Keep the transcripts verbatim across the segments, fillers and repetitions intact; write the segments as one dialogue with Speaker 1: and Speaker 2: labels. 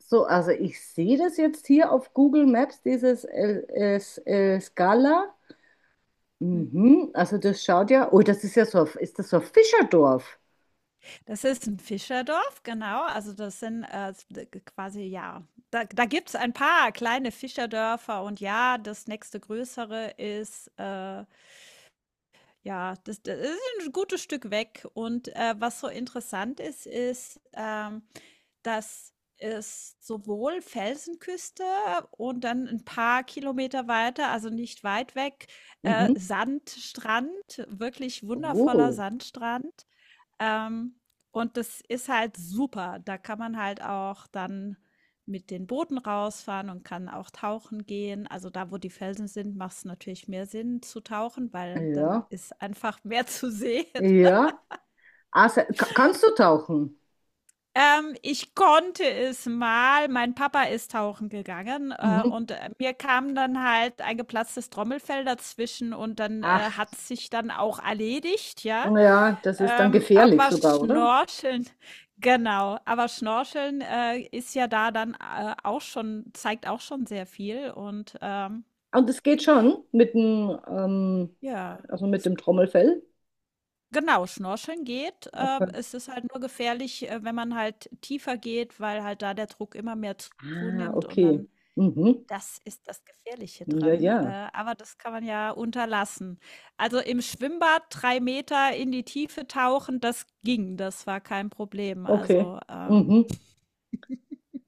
Speaker 1: So, also ich sehe das jetzt hier auf Google Maps, dieses El, Es- El Scala.
Speaker 2: Mhm.
Speaker 1: Mhm, also das schaut ja, oh, das ist ja so, ein- ist das so ein Fischerdorf?
Speaker 2: Das ist 'n Fischerdorf, genau. Also, das sind, äh, s d g quasi ja, da da gibt's ein paar kleine Fischerdörfer und ja, das nächste größere ist, äh Ja, das, das ist ein gutes Stück weg. Und äh, was so interessant ist, ist, ähm, dass es sowohl Felsenküste und dann ein paar Kilometer weiter, also nicht weit weg, äh,
Speaker 1: Mhm.
Speaker 2: Sandstrand, wirklich wundervoller
Speaker 1: Oh,
Speaker 2: Sandstrand. Ähm, und das ist halt super. Da kann man halt auch dann mit den Booten rausfahren und kann auch tauchen gehen. Also da, wo die Felsen sind, macht es natürlich mehr Sinn zu tauchen, weil dann
Speaker 1: ja,
Speaker 2: ist einfach mehr zu sehen.
Speaker 1: ja. Also, ka- kannst du tauchen?
Speaker 2: Ähm, ich konnte es mal. Mein Papa ist tauchen gegangen äh,
Speaker 1: Mhm.
Speaker 2: und äh, mir kam dann halt ein geplatztes Trommelfell dazwischen und dann äh,
Speaker 1: Ach,
Speaker 2: hat sich dann auch erledigt, ja.
Speaker 1: ja, das ist dann
Speaker 2: Ähm,
Speaker 1: gefährlich
Speaker 2: aber
Speaker 1: sogar, oder?
Speaker 2: Schnorcheln, genau. Aber Schnorcheln äh, ist ja da dann äh, auch schon, zeigt auch schon sehr viel. Und ähm,
Speaker 1: Und es geht schon mit dem, ähm,
Speaker 2: ja,
Speaker 1: also mit
Speaker 2: s-
Speaker 1: dem Trommelfell.
Speaker 2: genau, Schnorcheln geht. Äh,
Speaker 1: Okay.
Speaker 2: es ist halt nur gefährlich, äh, wenn man halt tiefer geht, weil halt da der Druck immer mehr zu-
Speaker 1: Ah,
Speaker 2: zunimmt und
Speaker 1: okay.
Speaker 2: dann.
Speaker 1: Mhm.
Speaker 2: Das ist das Gefährliche
Speaker 1: Ja,
Speaker 2: dran. Äh,
Speaker 1: ja.
Speaker 2: aber das kann man ja unterlassen. Also im Schwimmbad drei Meter in die Tiefe tauchen, das ging, das war kein Problem.
Speaker 1: Okay.
Speaker 2: Also ähm,
Speaker 1: Mhm.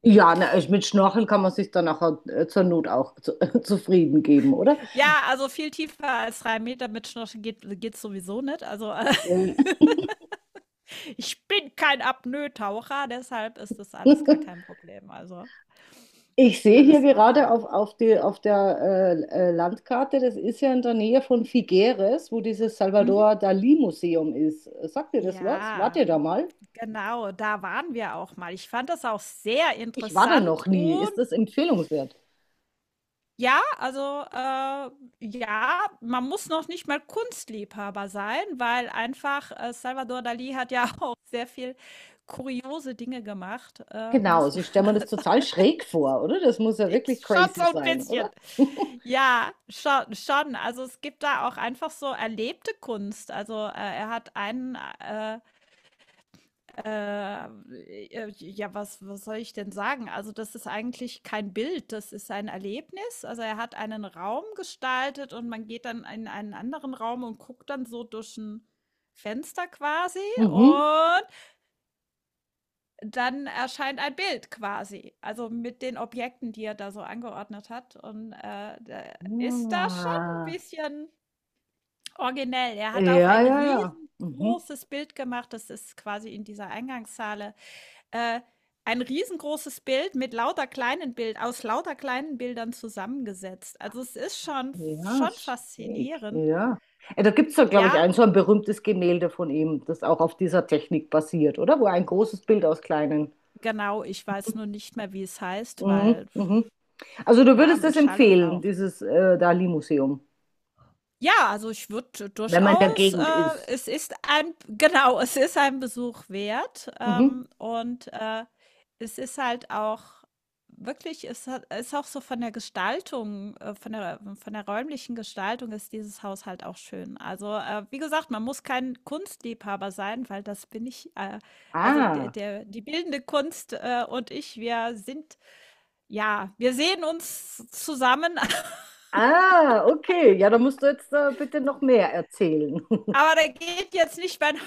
Speaker 1: Ja, na, ich- mit Schnorcheln kann man sich dann nachher äh, zur Not auch zu, zufrieden geben, oder?
Speaker 2: Ja, also viel tiefer als drei Meter mit Schnorchel geht geht's sowieso nicht. Also, äh,
Speaker 1: Ja.
Speaker 2: ich bin kein Apnoe-Taucher, deshalb ist das alles gar kein Problem. Also,
Speaker 1: Ich sehe hier
Speaker 2: alles
Speaker 1: gerade
Speaker 2: machbar.
Speaker 1: auf, auf, die, auf der äh, äh, Landkarte, das ist ja in der Nähe von Figueres, wo dieses
Speaker 2: Mhm.
Speaker 1: Salvador Dalí Museum ist. Sagt ihr das was? Wart
Speaker 2: Ja,
Speaker 1: ihr da mal?
Speaker 2: genau, da waren wir auch mal. Ich fand das auch sehr
Speaker 1: Ich war da
Speaker 2: interessant
Speaker 1: noch nie. Ist
Speaker 2: und
Speaker 1: das empfehlenswert?
Speaker 2: ja, also, äh, ja, man muss noch nicht mal Kunstliebhaber sein, weil einfach, äh, Salvador Dali hat ja auch sehr viel kuriose Dinge gemacht, äh,
Speaker 1: Genau,
Speaker 2: muss
Speaker 1: also
Speaker 2: man.
Speaker 1: ich stelle mir das total schräg vor, oder? Das muss ja wirklich
Speaker 2: Schon so
Speaker 1: crazy
Speaker 2: ein
Speaker 1: sein,
Speaker 2: bisschen.
Speaker 1: oder?
Speaker 2: Ja, schon schon. Also, es gibt da auch einfach so erlebte Kunst. Also, äh, er hat einen, äh, äh, äh, ja, was was soll ich denn sagen? Also, das ist eigentlich kein Bild, das ist ein Erlebnis. Also, er hat einen Raum gestaltet und man geht dann in einen anderen Raum und guckt dann so durch ein Fenster quasi
Speaker 1: Mhm.
Speaker 2: und dann erscheint ein Bild quasi, also mit den Objekten, die er da so angeordnet hat. Und äh, da ist da schon ein
Speaker 1: Ja,
Speaker 2: bisschen originell. Er hat auch
Speaker 1: ja,
Speaker 2: ein
Speaker 1: ja, ja. Mhm.
Speaker 2: riesengroßes Bild gemacht, das ist quasi in dieser Eingangshalle. Äh, ein riesengroßes Bild mit lauter kleinen Bild, aus lauter kleinen Bildern zusammengesetzt. Also es ist schon,
Speaker 1: Ja,
Speaker 2: schon
Speaker 1: schräg.
Speaker 2: faszinierend.
Speaker 1: Ja. Äh, da gibt es doch, glaube ich,
Speaker 2: Ja,
Speaker 1: ein so ein berühmtes Gemälde von ihm, das auch auf dieser Technik basiert, oder? Wo ein großes Bild aus kleinen.
Speaker 2: genau, ich weiß nur nicht mehr, wie es heißt,
Speaker 1: Mhm,
Speaker 2: weil
Speaker 1: mhm. Also du würdest
Speaker 2: Namen,
Speaker 1: das
Speaker 2: Schall und
Speaker 1: empfehlen,
Speaker 2: Rauch.
Speaker 1: dieses äh, Dali-Museum,
Speaker 2: Ja, also ich würde
Speaker 1: wenn man in der
Speaker 2: durchaus äh,
Speaker 1: Gegend ist.
Speaker 2: es ist ein genau, es ist ein Besuch wert,
Speaker 1: Mhm.
Speaker 2: ähm, und, äh, es ist halt auch wirklich es hat ist auch so von der Gestaltung äh, von der von der räumlichen Gestaltung ist dieses Haus halt auch schön. Also, äh, wie gesagt, man muss kein Kunstliebhaber sein, weil das bin ich, äh also der
Speaker 1: Ah,
Speaker 2: der die bildende Kunst, äh, und ich, wir sind ja, wir sehen uns zusammen.
Speaker 1: ah, okay. Ja, da musst du jetzt äh, bitte noch mehr erzählen.
Speaker 2: Aber da geht jetzt nicht mein,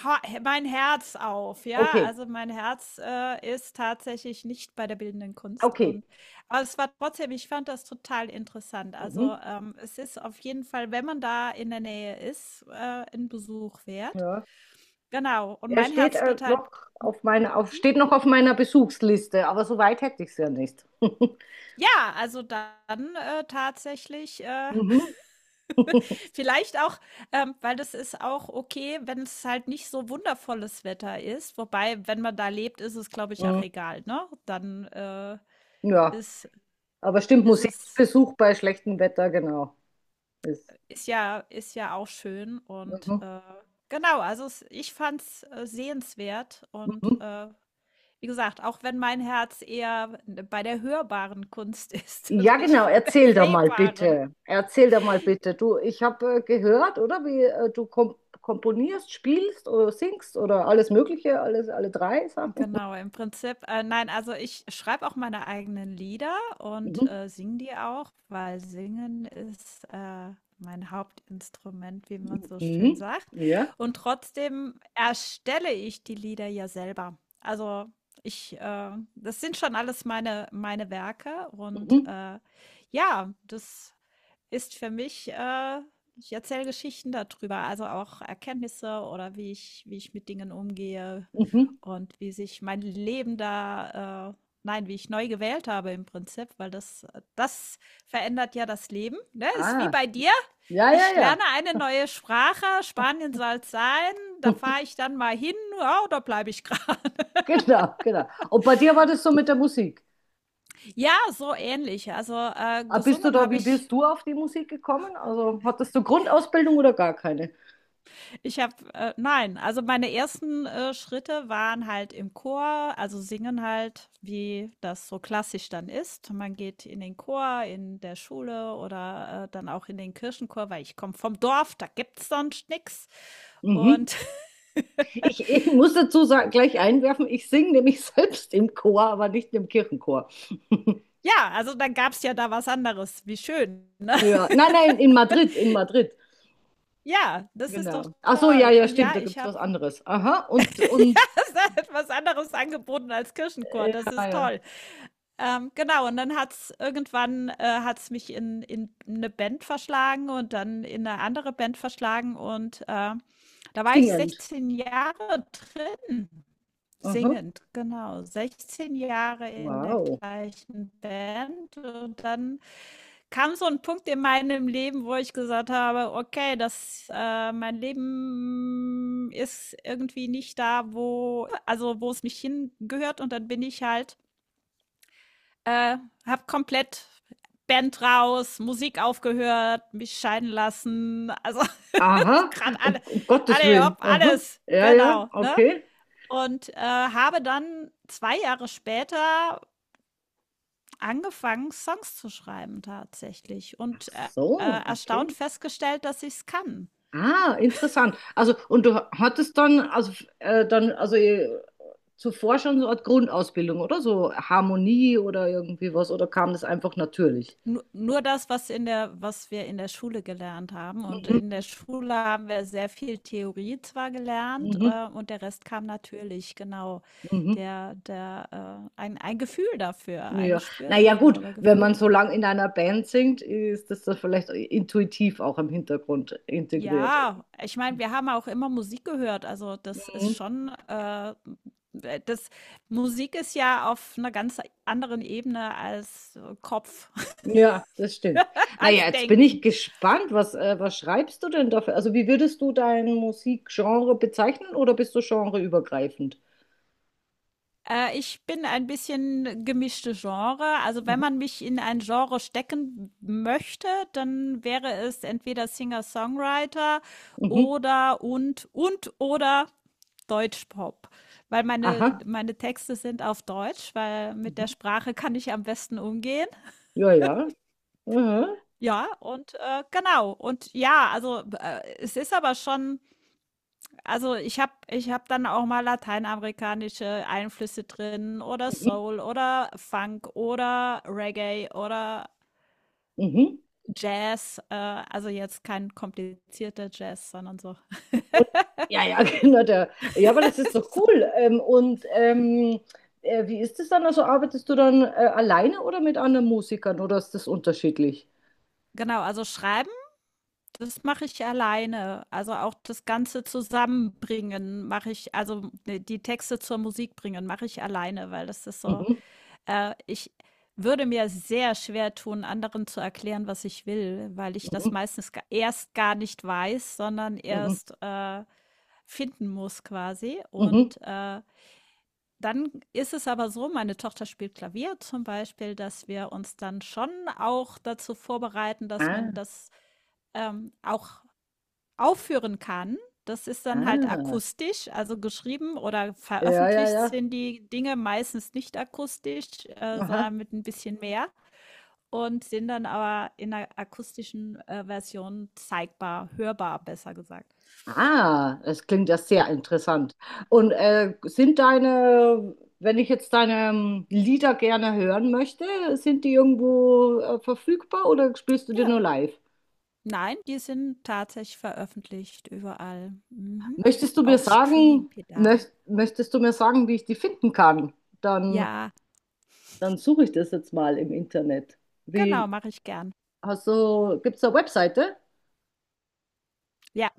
Speaker 2: mein Herz auf, ja?
Speaker 1: Okay,
Speaker 2: Also mein Herz äh, ist tatsächlich nicht bei der bildenden Kunst.
Speaker 1: okay.
Speaker 2: Und, aber es war trotzdem, ich fand das total interessant. Also
Speaker 1: Mhm.
Speaker 2: ähm, es ist auf jeden Fall, wenn man da in der Nähe ist, äh, ein Besuch wert.
Speaker 1: Ja.
Speaker 2: Genau. Und
Speaker 1: Er
Speaker 2: mein
Speaker 1: steht
Speaker 2: Herz
Speaker 1: äh,
Speaker 2: geht halt.
Speaker 1: noch auf meiner, auf, steht noch auf meiner Besuchsliste, aber so weit hätte ich es ja nicht.
Speaker 2: Ja, also dann, äh, tatsächlich, äh,
Speaker 1: Mhm.
Speaker 2: vielleicht auch ähm, weil das ist auch okay, wenn es halt nicht so wundervolles Wetter ist. Wobei, wenn man da lebt, ist es, glaube ich, auch egal, ne? Dann, äh,
Speaker 1: Ja,
Speaker 2: ist
Speaker 1: aber stimmt,
Speaker 2: ist es
Speaker 1: Museumsbesuch bei schlechtem Wetter, genau. Ist.
Speaker 2: ist ja ist ja auch schön und,
Speaker 1: Mhm,
Speaker 2: äh, genau, also es ich fand's, äh, sehenswert und,
Speaker 1: mhm.
Speaker 2: äh, wie gesagt, auch wenn mein Herz eher bei der hörbaren Kunst ist und
Speaker 1: Ja,
Speaker 2: nicht
Speaker 1: genau,
Speaker 2: bei der
Speaker 1: erzähl da mal
Speaker 2: sehbaren.
Speaker 1: bitte. Erzähl da mal bitte. Du, ich habe äh, gehört, oder wie äh, du kom komponierst, spielst oder singst oder alles Mögliche, alles, alle drei Sachen.
Speaker 2: Genau, im Prinzip, äh, nein, also ich schreibe auch meine eigenen Lieder und
Speaker 1: Mhm.
Speaker 2: äh, singe die auch, weil Singen ist äh, mein Hauptinstrument, wie man so schön
Speaker 1: Mhm.
Speaker 2: sagt.
Speaker 1: Ja.
Speaker 2: Und trotzdem erstelle ich die Lieder ja selber. Also ich, äh, das sind schon alles meine, meine Werke und
Speaker 1: Mhm.
Speaker 2: äh, ja, das ist für mich, äh, ich erzähle Geschichten darüber, also auch Erkenntnisse oder wie ich, wie ich mit Dingen umgehe
Speaker 1: Mhm.
Speaker 2: und wie sich mein Leben da, äh, nein, wie ich neu gewählt habe im Prinzip, weil das, das verändert ja das Leben. Ne? Ist wie
Speaker 1: Ah,
Speaker 2: bei dir.
Speaker 1: ja, ja,
Speaker 2: Ich
Speaker 1: ja.
Speaker 2: lerne eine neue Sprache, Spanien soll es sein, da fahre ich dann mal hin, ja, oder bleibe ich gerade?
Speaker 1: Genau, genau. Und bei dir war das so mit der Musik.
Speaker 2: Ja, so ähnlich. Also äh,
Speaker 1: Ah, bist du
Speaker 2: gesungen
Speaker 1: da,
Speaker 2: habe
Speaker 1: wie
Speaker 2: ich.
Speaker 1: bist du auf die Musik gekommen? Also hattest du Grundausbildung oder gar keine?
Speaker 2: Ich habe, äh, nein, also meine ersten äh, Schritte waren halt im Chor, also singen halt, wie das so klassisch dann ist. Man geht in den Chor, in der Schule oder äh, dann auch in den Kirchenchor, weil ich komme vom Dorf, da gibt's sonst nix.
Speaker 1: Mhm.
Speaker 2: Und
Speaker 1: Ich, ich muss dazu sagen, gleich einwerfen, ich singe nämlich selbst im Chor, aber nicht im Kirchenchor.
Speaker 2: ja, also dann gab's ja da was anderes. Wie schön, ne?
Speaker 1: Ja, nein, nein, in Madrid, in Madrid.
Speaker 2: Ja, das ist doch
Speaker 1: Genau. Ach so, ja,
Speaker 2: toll.
Speaker 1: ja,
Speaker 2: Und ja,
Speaker 1: stimmt, da gibt
Speaker 2: ich
Speaker 1: es
Speaker 2: habe
Speaker 1: was anderes. Aha, und, und
Speaker 2: ja, es hat was anderes angeboten als Kirchenchor.
Speaker 1: äh,
Speaker 2: Das
Speaker 1: ja,
Speaker 2: ist
Speaker 1: ja.
Speaker 2: toll. Ähm, genau, und dann hat's irgendwann äh, hat's mich in in eine Band verschlagen und dann in eine andere Band verschlagen und, äh, da war ich
Speaker 1: Singend.
Speaker 2: sechzehn Jahre drin,
Speaker 1: Aha,
Speaker 2: singend, genau. sechzehn Jahre in der
Speaker 1: wow.
Speaker 2: gleichen Band und dann kam so ein Punkt in meinem Leben, wo ich gesagt habe: „Okay, das äh, mein Leben ist irgendwie nicht da, wo also, wo es mich hingehört.“ Und dann bin ich halt äh, habe komplett Band raus, Musik aufgehört, mich scheiden lassen. Also
Speaker 1: Aha,
Speaker 2: gerade
Speaker 1: um,
Speaker 2: alle,
Speaker 1: um Gottes
Speaker 2: alle,
Speaker 1: Willen.
Speaker 2: hopp,
Speaker 1: Aha,
Speaker 2: alles.
Speaker 1: ja, ja,
Speaker 2: Genau, ne?
Speaker 1: okay.
Speaker 2: Und äh, habe dann zwei Jahre später angefangen, Songs zu schreiben tatsächlich.
Speaker 1: Ach
Speaker 2: Und äh,
Speaker 1: so,
Speaker 2: äh, erstaunt
Speaker 1: okay.
Speaker 2: festgestellt, dass ich es kann.
Speaker 1: Ah, interessant. Also, und du hattest dann, also, äh, dann, also, äh, zuvor schon so eine Art Grundausbildung, oder? So Harmonie oder irgendwie was, oder kam das einfach natürlich?
Speaker 2: Nur, nur das, was in der was wir in der Schule gelernt haben. Und in
Speaker 1: Mhm,
Speaker 2: der Schule haben wir sehr viel Theorie zwar gelernt,
Speaker 1: mhm,
Speaker 2: äh, und der Rest kam natürlich, genau.
Speaker 1: mhm.
Speaker 2: Der, der, äh, ein, ein Gefühl dafür, ein
Speaker 1: Ja,
Speaker 2: Gespür
Speaker 1: naja,
Speaker 2: dafür
Speaker 1: gut,
Speaker 2: oder
Speaker 1: wenn
Speaker 2: Gefühl
Speaker 1: man so
Speaker 2: dafür.
Speaker 1: lang in einer Band singt, ist das dann vielleicht intuitiv auch im Hintergrund integriert.
Speaker 2: Ja, ich meine, wir haben auch immer Musik gehört. Also das ist
Speaker 1: Mhm.
Speaker 2: schon, äh, das Musik ist ja auf einer ganz anderen Ebene als äh, Kopf,
Speaker 1: Ja, das stimmt. Naja,
Speaker 2: als
Speaker 1: jetzt bin ich
Speaker 2: Denken.
Speaker 1: gespannt, was, äh, was schreibst du denn dafür? Also, wie würdest du dein Musikgenre bezeichnen oder bist du genreübergreifend?
Speaker 2: Äh, ich bin ein bisschen gemischte Genre. Also wenn
Speaker 1: Mhm.
Speaker 2: man mich in ein Genre stecken möchte, dann wäre es entweder Singer-Songwriter
Speaker 1: Mhm.
Speaker 2: oder und und oder Deutschpop. Weil meine,
Speaker 1: Aha.
Speaker 2: meine Texte sind auf Deutsch, weil mit der
Speaker 1: Mhm.
Speaker 2: Sprache kann ich am besten umgehen.
Speaker 1: Ja, ja. Aha.
Speaker 2: Ja, und äh, genau. Und ja, also äh, es ist aber schon. Also, ich habe ich habe dann auch mal lateinamerikanische Einflüsse drin oder
Speaker 1: Mhm.
Speaker 2: Soul oder Funk oder Reggae oder
Speaker 1: Mhm.
Speaker 2: Jazz, äh, also jetzt kein komplizierter Jazz, sondern so.
Speaker 1: Und, ja, ja, genau. Der, ja, aber das ist doch cool. Ähm, und ähm, äh, wie ist es dann? Also arbeitest du dann äh, alleine oder mit anderen Musikern oder ist das unterschiedlich?
Speaker 2: Genau, also schreiben, das mache ich alleine. Also auch das Ganze zusammenbringen mache ich, also ne, die Texte zur Musik bringen mache ich alleine, weil das ist so.
Speaker 1: Mhm,
Speaker 2: Äh, ich würde mir sehr schwer tun, anderen zu erklären, was ich will, weil ich das
Speaker 1: mhm,
Speaker 2: meistens ga- erst gar nicht weiß, sondern
Speaker 1: mhm,
Speaker 2: erst äh, finden muss quasi.
Speaker 1: mhm.
Speaker 2: Und äh, dann ist es aber so, meine Tochter spielt Klavier zum Beispiel, dass wir uns dann schon auch dazu vorbereiten, dass
Speaker 1: Ah,
Speaker 2: man das ähm, auch aufführen kann. Das ist dann halt
Speaker 1: ah.
Speaker 2: akustisch, also geschrieben oder
Speaker 1: Ja, ja,
Speaker 2: veröffentlicht
Speaker 1: ja.
Speaker 2: sind die Dinge meistens nicht akustisch, äh,
Speaker 1: Aha.
Speaker 2: sondern mit ein bisschen mehr und sind dann aber in der akustischen äh, Version zeigbar, hörbar, besser gesagt.
Speaker 1: Ah, das klingt ja sehr interessant. Und äh, sind deine, wenn ich jetzt deine ähm, Lieder gerne hören möchte, sind die irgendwo äh, verfügbar oder spielst du die
Speaker 2: Ja.
Speaker 1: nur live?
Speaker 2: Nein, die sind tatsächlich veröffentlicht überall. Mhm.
Speaker 1: Möchtest du mir
Speaker 2: Auf
Speaker 1: sagen,
Speaker 2: Streaming-Pedal.
Speaker 1: möcht, möchtest du mir sagen, wie ich die finden kann? Dann,
Speaker 2: Ja,
Speaker 1: dann suche ich das jetzt mal im Internet. Wie,
Speaker 2: genau, mache ich gern.
Speaker 1: hast du, gibt es eine Webseite?
Speaker 2: Ja.